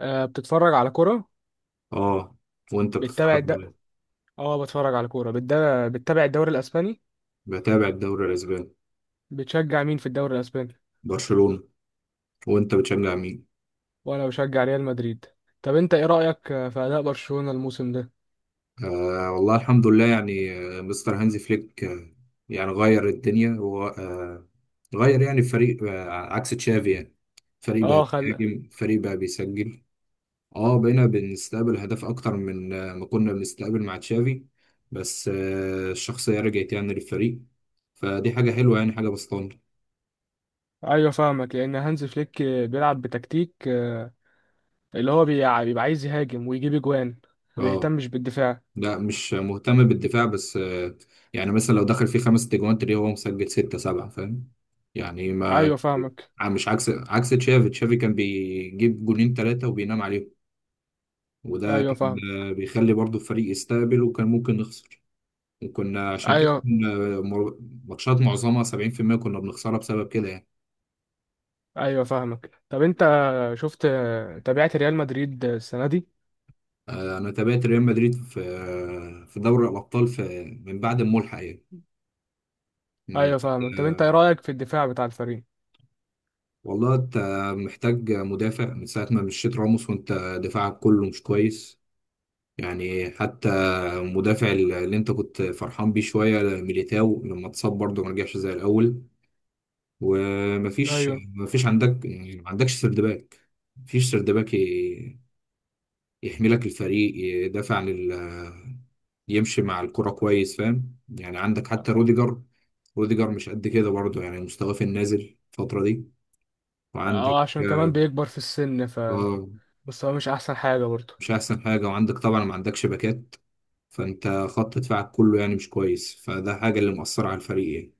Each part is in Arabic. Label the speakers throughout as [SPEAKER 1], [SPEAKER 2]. [SPEAKER 1] بتتفرج على كرة.
[SPEAKER 2] اه وانت
[SPEAKER 1] بتتابع
[SPEAKER 2] بتتفرج
[SPEAKER 1] الد
[SPEAKER 2] على إيه؟
[SPEAKER 1] اه بتفرج على بتتابع الدوري الأسباني.
[SPEAKER 2] بتابع الدوري الاسباني.
[SPEAKER 1] بتشجع مين في الدوري الأسباني؟
[SPEAKER 2] برشلونة. وانت بتشجع مين؟
[SPEAKER 1] وأنا بشجع ريال مدريد. طب أنت إيه رأيك في أداء برشلونة الموسم ده؟
[SPEAKER 2] آه، والله الحمد لله، يعني مستر هانزي فليك يعني غير الدنيا، هو غير يعني الفريق عكس تشافي، يعني فريق
[SPEAKER 1] اه
[SPEAKER 2] بقى
[SPEAKER 1] خل
[SPEAKER 2] بيهاجم، فريق بقى بيسجل. اه بقينا بنستقبل هدف اكتر من ما كنا بنستقبل مع تشافي، بس الشخصية رجعت يعني للفريق. فدي حاجة حلوة، يعني حاجة بسطانة.
[SPEAKER 1] أيوة فاهمك، لأن هانز فليك بيلعب بتكتيك، اللي هو بيبقى عايز يهاجم ويجيب أجوان، ما
[SPEAKER 2] اه،
[SPEAKER 1] بيهتمش بالدفاع.
[SPEAKER 2] لا، مش مهتم بالدفاع، بس يعني مثلا لو دخل فيه خمس تجوان تلاقيه هو مسجل ستة سبعة، فاهم يعني؟ ما
[SPEAKER 1] أيوة فاهمك.
[SPEAKER 2] مش عكس تشافي كان بيجيب جونين ثلاثة وبينام عليهم، وده
[SPEAKER 1] أيوة
[SPEAKER 2] كان
[SPEAKER 1] فاهم.
[SPEAKER 2] بيخلي برضه الفريق يستقبل، وكان ممكن نخسر. وكنا عشان كده
[SPEAKER 1] أيوة.
[SPEAKER 2] ماتشات معظمها 70% كنا بنخسرها بسبب كده، يعني.
[SPEAKER 1] أيوة فاهمك. طب أنت شفت آه، تابعت ريال مدريد السنة دي؟
[SPEAKER 2] انا تابعت ريال مدريد في في دوري الابطال، في من بعد الملحق، يعني من
[SPEAKER 1] أيوة فاهمك. طب أنت
[SPEAKER 2] بعد.
[SPEAKER 1] إيه رأيك في الدفاع بتاع الفريق؟
[SPEAKER 2] والله انت محتاج مدافع من ساعة ما مشيت راموس، وانت دفاعك كله مش كويس، يعني حتى المدافع اللي انت كنت فرحان بيه شوية، ميليتاو، لما اتصاب برضه ما رجعش زي الأول.
[SPEAKER 1] أيوة.
[SPEAKER 2] مفيش عندك، يعني ما عندكش سرد باك. مفيش سرد باك ي- يحملك الفريق، يمشي مع الكرة كويس، فاهم يعني؟ عندك حتى روديجر، روديجر مش قد كده برضه، يعني مستواه في النازل الفترة دي.
[SPEAKER 1] اه،
[SPEAKER 2] وعندك،
[SPEAKER 1] عشان كمان بيكبر في السن،
[SPEAKER 2] اه،
[SPEAKER 1] بس هو مش احسن حاجة برضه.
[SPEAKER 2] مش احسن حاجه. وعندك طبعا ما عندكش باكات، فانت خط دفاعك كله يعني مش كويس، فده حاجه اللي مؤثره على الفريق، يعني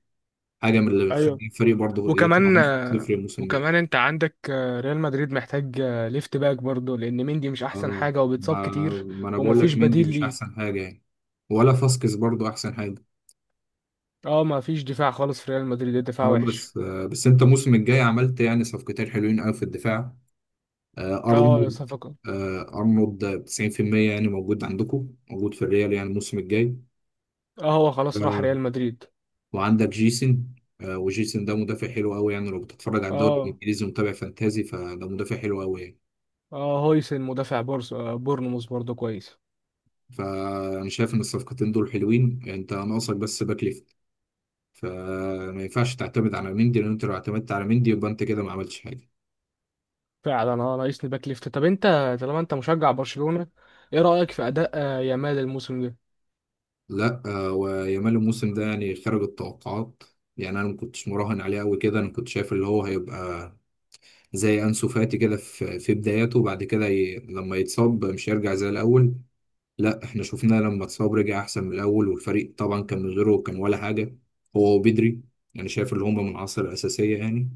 [SPEAKER 2] حاجه من اللي
[SPEAKER 1] ايوه،
[SPEAKER 2] بتخلي الفريق برضه
[SPEAKER 1] وكمان
[SPEAKER 2] يطلع بنص صفر الموسم ده.
[SPEAKER 1] وكمان انت عندك، ريال مدريد محتاج ليفت باك برضه، لان مندي مش احسن
[SPEAKER 2] اه
[SPEAKER 1] حاجة وبيتصاب
[SPEAKER 2] ما,
[SPEAKER 1] كتير،
[SPEAKER 2] ما انا بقول
[SPEAKER 1] ومفيش
[SPEAKER 2] لك، مندي
[SPEAKER 1] بديل
[SPEAKER 2] مش
[SPEAKER 1] ليه.
[SPEAKER 2] احسن حاجه يعني، ولا فاسكس برضه احسن حاجه.
[SPEAKER 1] اه، مفيش دفاع خالص في ريال مدريد، الدفاع
[SPEAKER 2] اه،
[SPEAKER 1] وحش.
[SPEAKER 2] بس بس انت الموسم الجاي عملت يعني صفقتين حلوين قوي في الدفاع. آه
[SPEAKER 1] اه،
[SPEAKER 2] ارنولد آه، ارنولد 90% يعني موجود عندكم، موجود في الريال يعني الموسم الجاي.
[SPEAKER 1] اه، هو خلاص راح ريال
[SPEAKER 2] آه،
[SPEAKER 1] مدريد.
[SPEAKER 2] وعندك جيسن. وجيسن ده مدافع حلو قوي، يعني لو بتتفرج على الدوري
[SPEAKER 1] اه.
[SPEAKER 2] الانجليزي ومتابع فانتازي، فده مدافع حلو قوي يعني.
[SPEAKER 1] اه، هويسن مدافع بورس آه، بورنموث برضه كويس.
[SPEAKER 2] فانا شايف ان الصفقتين دول حلوين، انت ناقصك بس باك ليفت، فما ينفعش تعتمد على مندي، لان انت لو اعتمدت على مندي يبقى انت كده ما عملتش حاجه.
[SPEAKER 1] فعلا، ناقصني باك ليفت. طب انت، طالما انت مشجع برشلونة، ايه رأيك في اداء يامال الموسم
[SPEAKER 2] لا ويامال الموسم ده يعني خارج التوقعات. يعني انا ما كنتش مراهن عليه قوي كده، انا كنت شايف اللي هو هيبقى زي انسو فاتي كده، في بداياته، لما يتصاب مش هيرجع زي الاول. لا، احنا شفنا لما اتصاب رجع احسن من الاول، والفريق طبعا كان من غيره كان ولا حاجه، هو وبدري. يعني شايف اللي هم من العناصر الاساسيه، يعني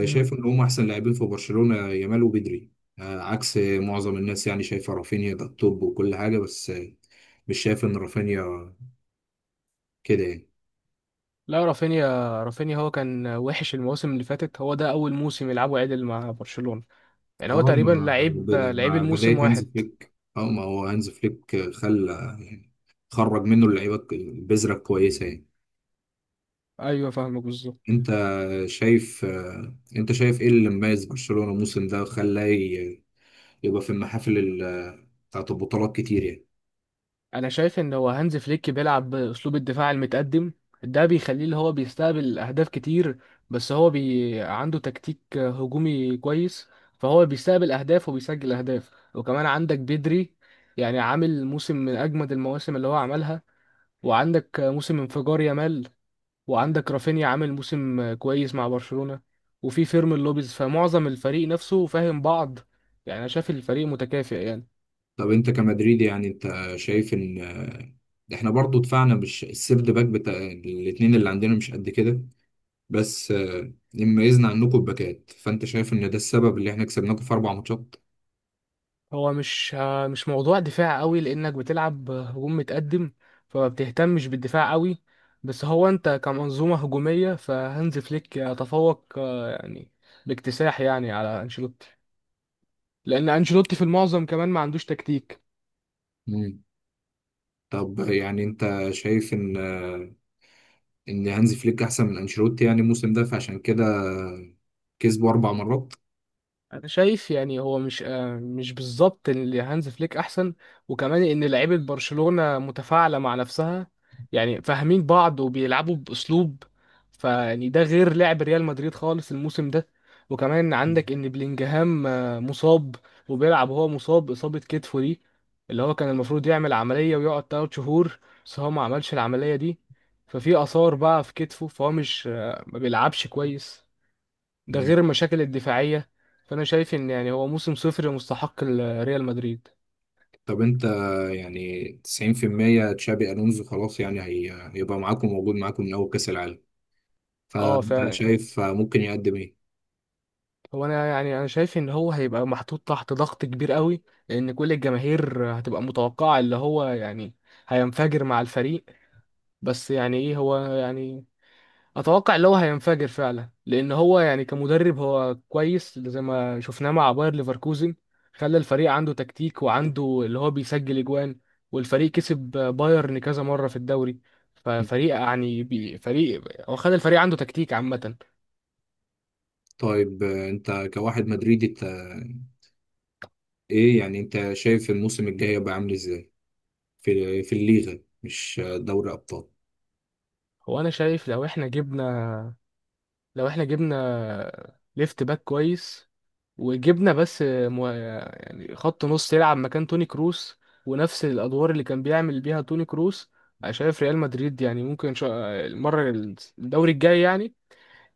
[SPEAKER 1] ده؟
[SPEAKER 2] ان هم احسن لاعبين في برشلونه، يامال وبدري. عكس معظم الناس، يعني شايفه رافينيا ده التوب وكل حاجه، بس مش شايف ان رافينيا كده يعني.
[SPEAKER 1] لا، رافينيا هو كان وحش المواسم اللي فاتت، هو ده اول موسم يلعبه عدل مع برشلونة. يعني هو
[SPEAKER 2] اه
[SPEAKER 1] تقريبا
[SPEAKER 2] مع
[SPEAKER 1] لعيب لعيب
[SPEAKER 2] مع بدايه
[SPEAKER 1] الموسم
[SPEAKER 2] هانز
[SPEAKER 1] واحد.
[SPEAKER 2] فليك، اه، ما هو هانز فليك خلى يعني، خرج منه اللعيبه البذره الكويسه يعني.
[SPEAKER 1] ايوه فاهمك بالظبط.
[SPEAKER 2] انت شايف انت شايف ايه اللي مميز برشلونة الموسم ده، يبقى في بتاعت البطولات كتير يعني؟
[SPEAKER 1] انا شايف ان هو هانز فليك بيلعب باسلوب الدفاع المتقدم، ده بيخليه اللي هو بيستقبل اهداف كتير. بس هو عنده تكتيك هجومي كويس، فهو بيستقبل اهداف وبيسجل اهداف. وكمان عندك بدري، يعني عامل موسم من اجمد المواسم اللي هو عملها. وعندك موسم انفجار يامال، وعندك رافينيا عامل موسم كويس مع برشلونة، وفي فيرمين لوبيز، فمعظم الفريق نفسه فاهم بعض. يعني انا شايف الفريق متكافئ يعني.
[SPEAKER 2] طب انت كمدريدي، يعني انت شايف ان احنا برضو دفعنا، مش السيرد باك بتاع الاتنين اللي عندنا مش قد كده، بس اللي مميزنا عنكم الباكات. فانت شايف ان ده السبب اللي احنا كسبناكم في اربع ماتشات؟
[SPEAKER 1] هو مش موضوع دفاع قوي، لانك بتلعب هجوم متقدم، فما بتهتمش بالدفاع قوي. بس هو انت كمنظومة هجومية، فهانز فليك يتفوق، يعني باكتساح، يعني على انشيلوتي. لان انشيلوتي في المعظم كمان ما عندوش تكتيك.
[SPEAKER 2] مم. طب يعني انت شايف ان ان هانزي فليك احسن من انشيلوتي يعني الموسم ده، فعشان كده كسبوا اربع مرات؟
[SPEAKER 1] انا شايف يعني هو مش بالظبط اللي هانز فليك احسن، وكمان ان لعيبه برشلونه متفاعله مع نفسها، يعني فاهمين بعض وبيلعبوا باسلوب. فيعني ده غير لعب ريال مدريد خالص الموسم ده. وكمان عندك ان بلينجهام مصاب، وبيلعب وهو مصاب اصابه كتفه دي، اللي هو كان المفروض يعمل عمليه ويقعد 3 شهور، بس هو ما عملش العمليه دي، ففي اثار بقى في كتفه، فهو مش ما بيلعبش كويس، ده
[SPEAKER 2] مم.
[SPEAKER 1] غير المشاكل الدفاعية. فأنا شايف إن يعني هو موسم صفر مستحق ريال مدريد.
[SPEAKER 2] طب انت، يعني 90% تشابي الونزو خلاص يعني هيبقى معاكم، موجود معاكم من اول كاس العالم،
[SPEAKER 1] اه،
[SPEAKER 2] فانت
[SPEAKER 1] فعلا.
[SPEAKER 2] شايف ممكن يقدم ايه؟
[SPEAKER 1] هو انا يعني شايف ان هو هيبقى محطوط تحت ضغط كبير قوي، لان كل الجماهير هتبقى متوقعه اللي هو يعني هينفجر مع الفريق. بس يعني ايه هو يعني، اتوقع اللي هو هينفجر فعلا، لان هو يعني كمدرب هو كويس زي ما شفناه مع باير ليفركوزن، خلى الفريق عنده تكتيك وعنده اللي هو بيسجل اجوان، والفريق كسب بايرن كذا مره في الدوري.
[SPEAKER 2] مم.
[SPEAKER 1] ففريق يعني فريق، هو خلى الفريق عنده تكتيك عامه.
[SPEAKER 2] طيب انت كواحد مدريدي، انت ايه يعني، انت شايف الموسم الجاي هيبقى عامل ازاي في الليغا، مش دوري ابطال؟
[SPEAKER 1] هو انا شايف لو احنا جبنا ليفت باك كويس، وجبنا بس يعني خط نص يلعب مكان توني كروس، ونفس الادوار اللي كان بيعمل بيها توني كروس. انا شايف ريال مدريد يعني ممكن المره، الدوري الجاي يعني،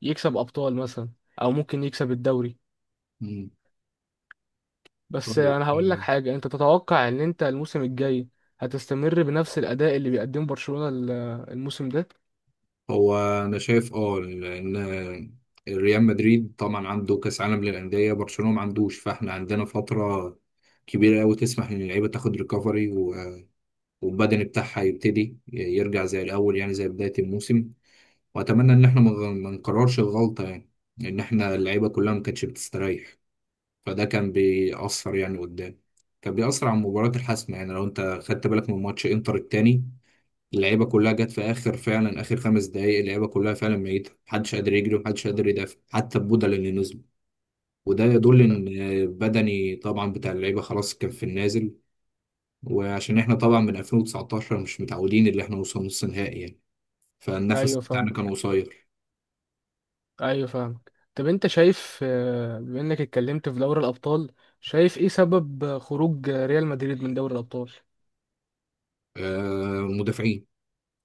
[SPEAKER 1] يكسب ابطال مثلا، او ممكن يكسب الدوري.
[SPEAKER 2] مم.
[SPEAKER 1] بس
[SPEAKER 2] طيب،
[SPEAKER 1] انا هقول لك حاجه، انت تتوقع ان انت الموسم الجاي هتستمر بنفس الاداء اللي بيقدمه برشلونه الموسم ده؟
[SPEAKER 2] هو انا شايف اه ان ريال مدريد طبعا عنده كاس عالم للانديه، برشلونه ما عندوش، فاحنا عندنا فتره كبيره قوي تسمح ان اللعيبه تاخد ريكفري، والبدني بتاعها يبتدي يرجع زي الاول، يعني زي بدايه الموسم. واتمنى ان احنا ما نكررش الغلطه، يعني ان احنا اللعيبه كلها ما كانتش بتستريح، فده كان بيأثر يعني قدام، كان بيأثر على المباراة الحاسمة. يعني لو انت خدت بالك من ماتش انتر التاني، اللعيبه كلها جت في اخر، فعلا اخر خمس دقائق، اللعيبه كلها فعلا ميته، محدش قادر يجري ومحدش قادر يدافع، حتى البدل اللي نزلوا. وده يدل ان بدني طبعا بتاع اللعيبه خلاص كان في النازل، وعشان احنا طبعا من 2019 مش متعودين اللي احنا نوصل نص نهائي يعني، فالنفس
[SPEAKER 1] ايوه
[SPEAKER 2] بتاعنا
[SPEAKER 1] فاهم.
[SPEAKER 2] كان قصير.
[SPEAKER 1] ايوه فاهم. طب انت شايف، بما انك اتكلمت في دوري الابطال، شايف ايه سبب خروج ريال مدريد من دوري الابطال؟
[SPEAKER 2] مدافعين،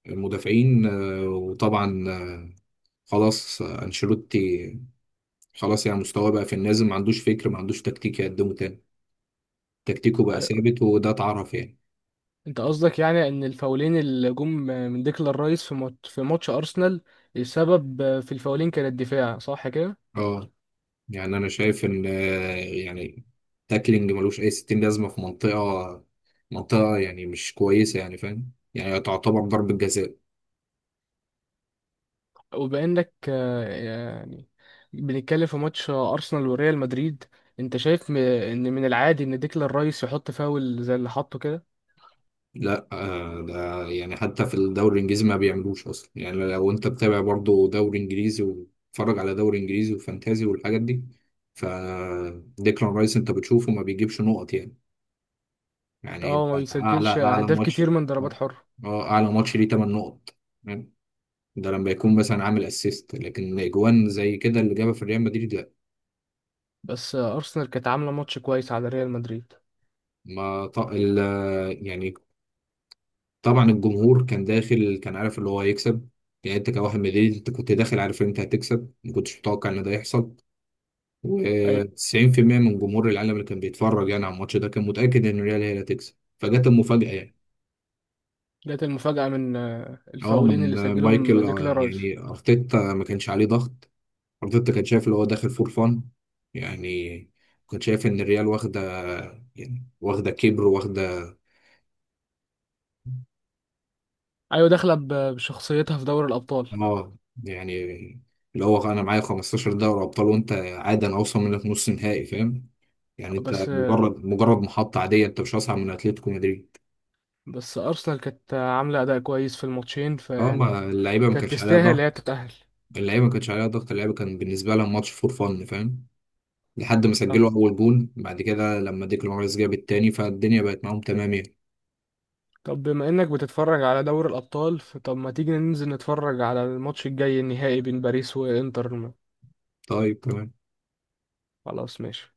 [SPEAKER 2] المدافعين وطبعا خلاص انشيلوتي خلاص يعني، مستواه بقى في النازل، ما عندوش فكر، ما عندوش تكتيك يقدمه تاني، تكتيكه بقى
[SPEAKER 1] أيوة.
[SPEAKER 2] ثابت، وده اتعرف يعني.
[SPEAKER 1] انت قصدك يعني ان الفاولين اللي جم من ديكلان رايس في ماتش ارسنال، السبب في الفاولين كان الدفاع صح كده؟
[SPEAKER 2] اه، يعني انا شايف ان يعني تاكلينج ملوش اي ستين، لازمه في منطقه، منطقه يعني مش كويسه، يعني فاهم يعني، تعتبر ضربه جزاء.
[SPEAKER 1] وبانك، يعني بنتكلم في ماتش ارسنال وريال مدريد، انت شايف ان من العادي ان ديكلان رايس يحط فاول زي اللي حطه كده؟
[SPEAKER 2] لا ده يعني حتى في الدوري الانجليزي ما بيعملوش اصلا، يعني لو انت بتابع برضو دوري انجليزي وتتفرج على دوري انجليزي وفانتازي والحاجات دي، ف ديكلان رايس انت بتشوفه ما بيجيبش نقط يعني. يعني
[SPEAKER 1] اه، ما
[SPEAKER 2] ده اعلى
[SPEAKER 1] بيسجلش اهداف
[SPEAKER 2] ماتش.
[SPEAKER 1] كتير من ضربات
[SPEAKER 2] اه.
[SPEAKER 1] حرة.
[SPEAKER 2] اعلى ماتش ليه 8 نقط، ده لما يكون مثلا عامل اسيست، لكن اجوان زي كده اللي جابها في ريال مدريد، لا.
[SPEAKER 1] بس ارسنال كانت عامله ماتش كويس على ريال مدريد.
[SPEAKER 2] ما ط... ال... يعني طبعا الجمهور كان داخل كان عارف اللي هو هيكسب، يعني انت كواحد مدريد انت كنت داخل عارف ان انت هتكسب، ما كنتش متوقع ان ده يحصل،
[SPEAKER 1] ايوه،
[SPEAKER 2] و90% من جمهور العالم اللي كان بيتفرج يعني على الماتش ده كان متاكد ان الريال هي اللي هتكسب، فجت المفاجاه يعني.
[SPEAKER 1] جت المفاجأة من
[SPEAKER 2] اه
[SPEAKER 1] الفاولين
[SPEAKER 2] من
[SPEAKER 1] اللي سجلهم
[SPEAKER 2] مايكل
[SPEAKER 1] ديكلان رايس.
[SPEAKER 2] يعني ارتيتا ما كانش عليه ضغط، ارتيتا كان شايف اللي هو داخل فور فان، يعني كنت شايف ان الريال واخده، يعني واخده كبر واخده.
[SPEAKER 1] ايوه، داخله بشخصيتها في دوري الابطال.
[SPEAKER 2] اه، يعني اللي هو انا معايا 15 دوري ابطال، وانت عادي انا اوصل منك نص نهائي، فاهم يعني؟ انت
[SPEAKER 1] بس
[SPEAKER 2] مجرد، محطه عاديه، انت مش اصعب من اتلتيكو مدريد.
[SPEAKER 1] بس ارسنال كانت عامله اداء كويس في الماتشين
[SPEAKER 2] اه،
[SPEAKER 1] فيعني،
[SPEAKER 2] ما اللعيبه ما
[SPEAKER 1] كانت
[SPEAKER 2] كانش عليها
[SPEAKER 1] تستاهل
[SPEAKER 2] ضغط،
[SPEAKER 1] هي تتاهل.
[SPEAKER 2] اللعيبه ما كانش عليها ضغط، اللعيبه كان بالنسبه لها ماتش فور فن، فاهم؟ لحد ما
[SPEAKER 1] طب
[SPEAKER 2] سجلوا اول جون، بعد كده لما ديكلان رايس جاب التاني، فالدنيا بقت معاهم تمام يعني.
[SPEAKER 1] طب بما انك بتتفرج على دوري الابطال، فطب ما تيجي ننزل نتفرج على الماتش الجاي النهائي بين باريس وانتر؟
[SPEAKER 2] طيب، تمام.
[SPEAKER 1] خلاص ماشي.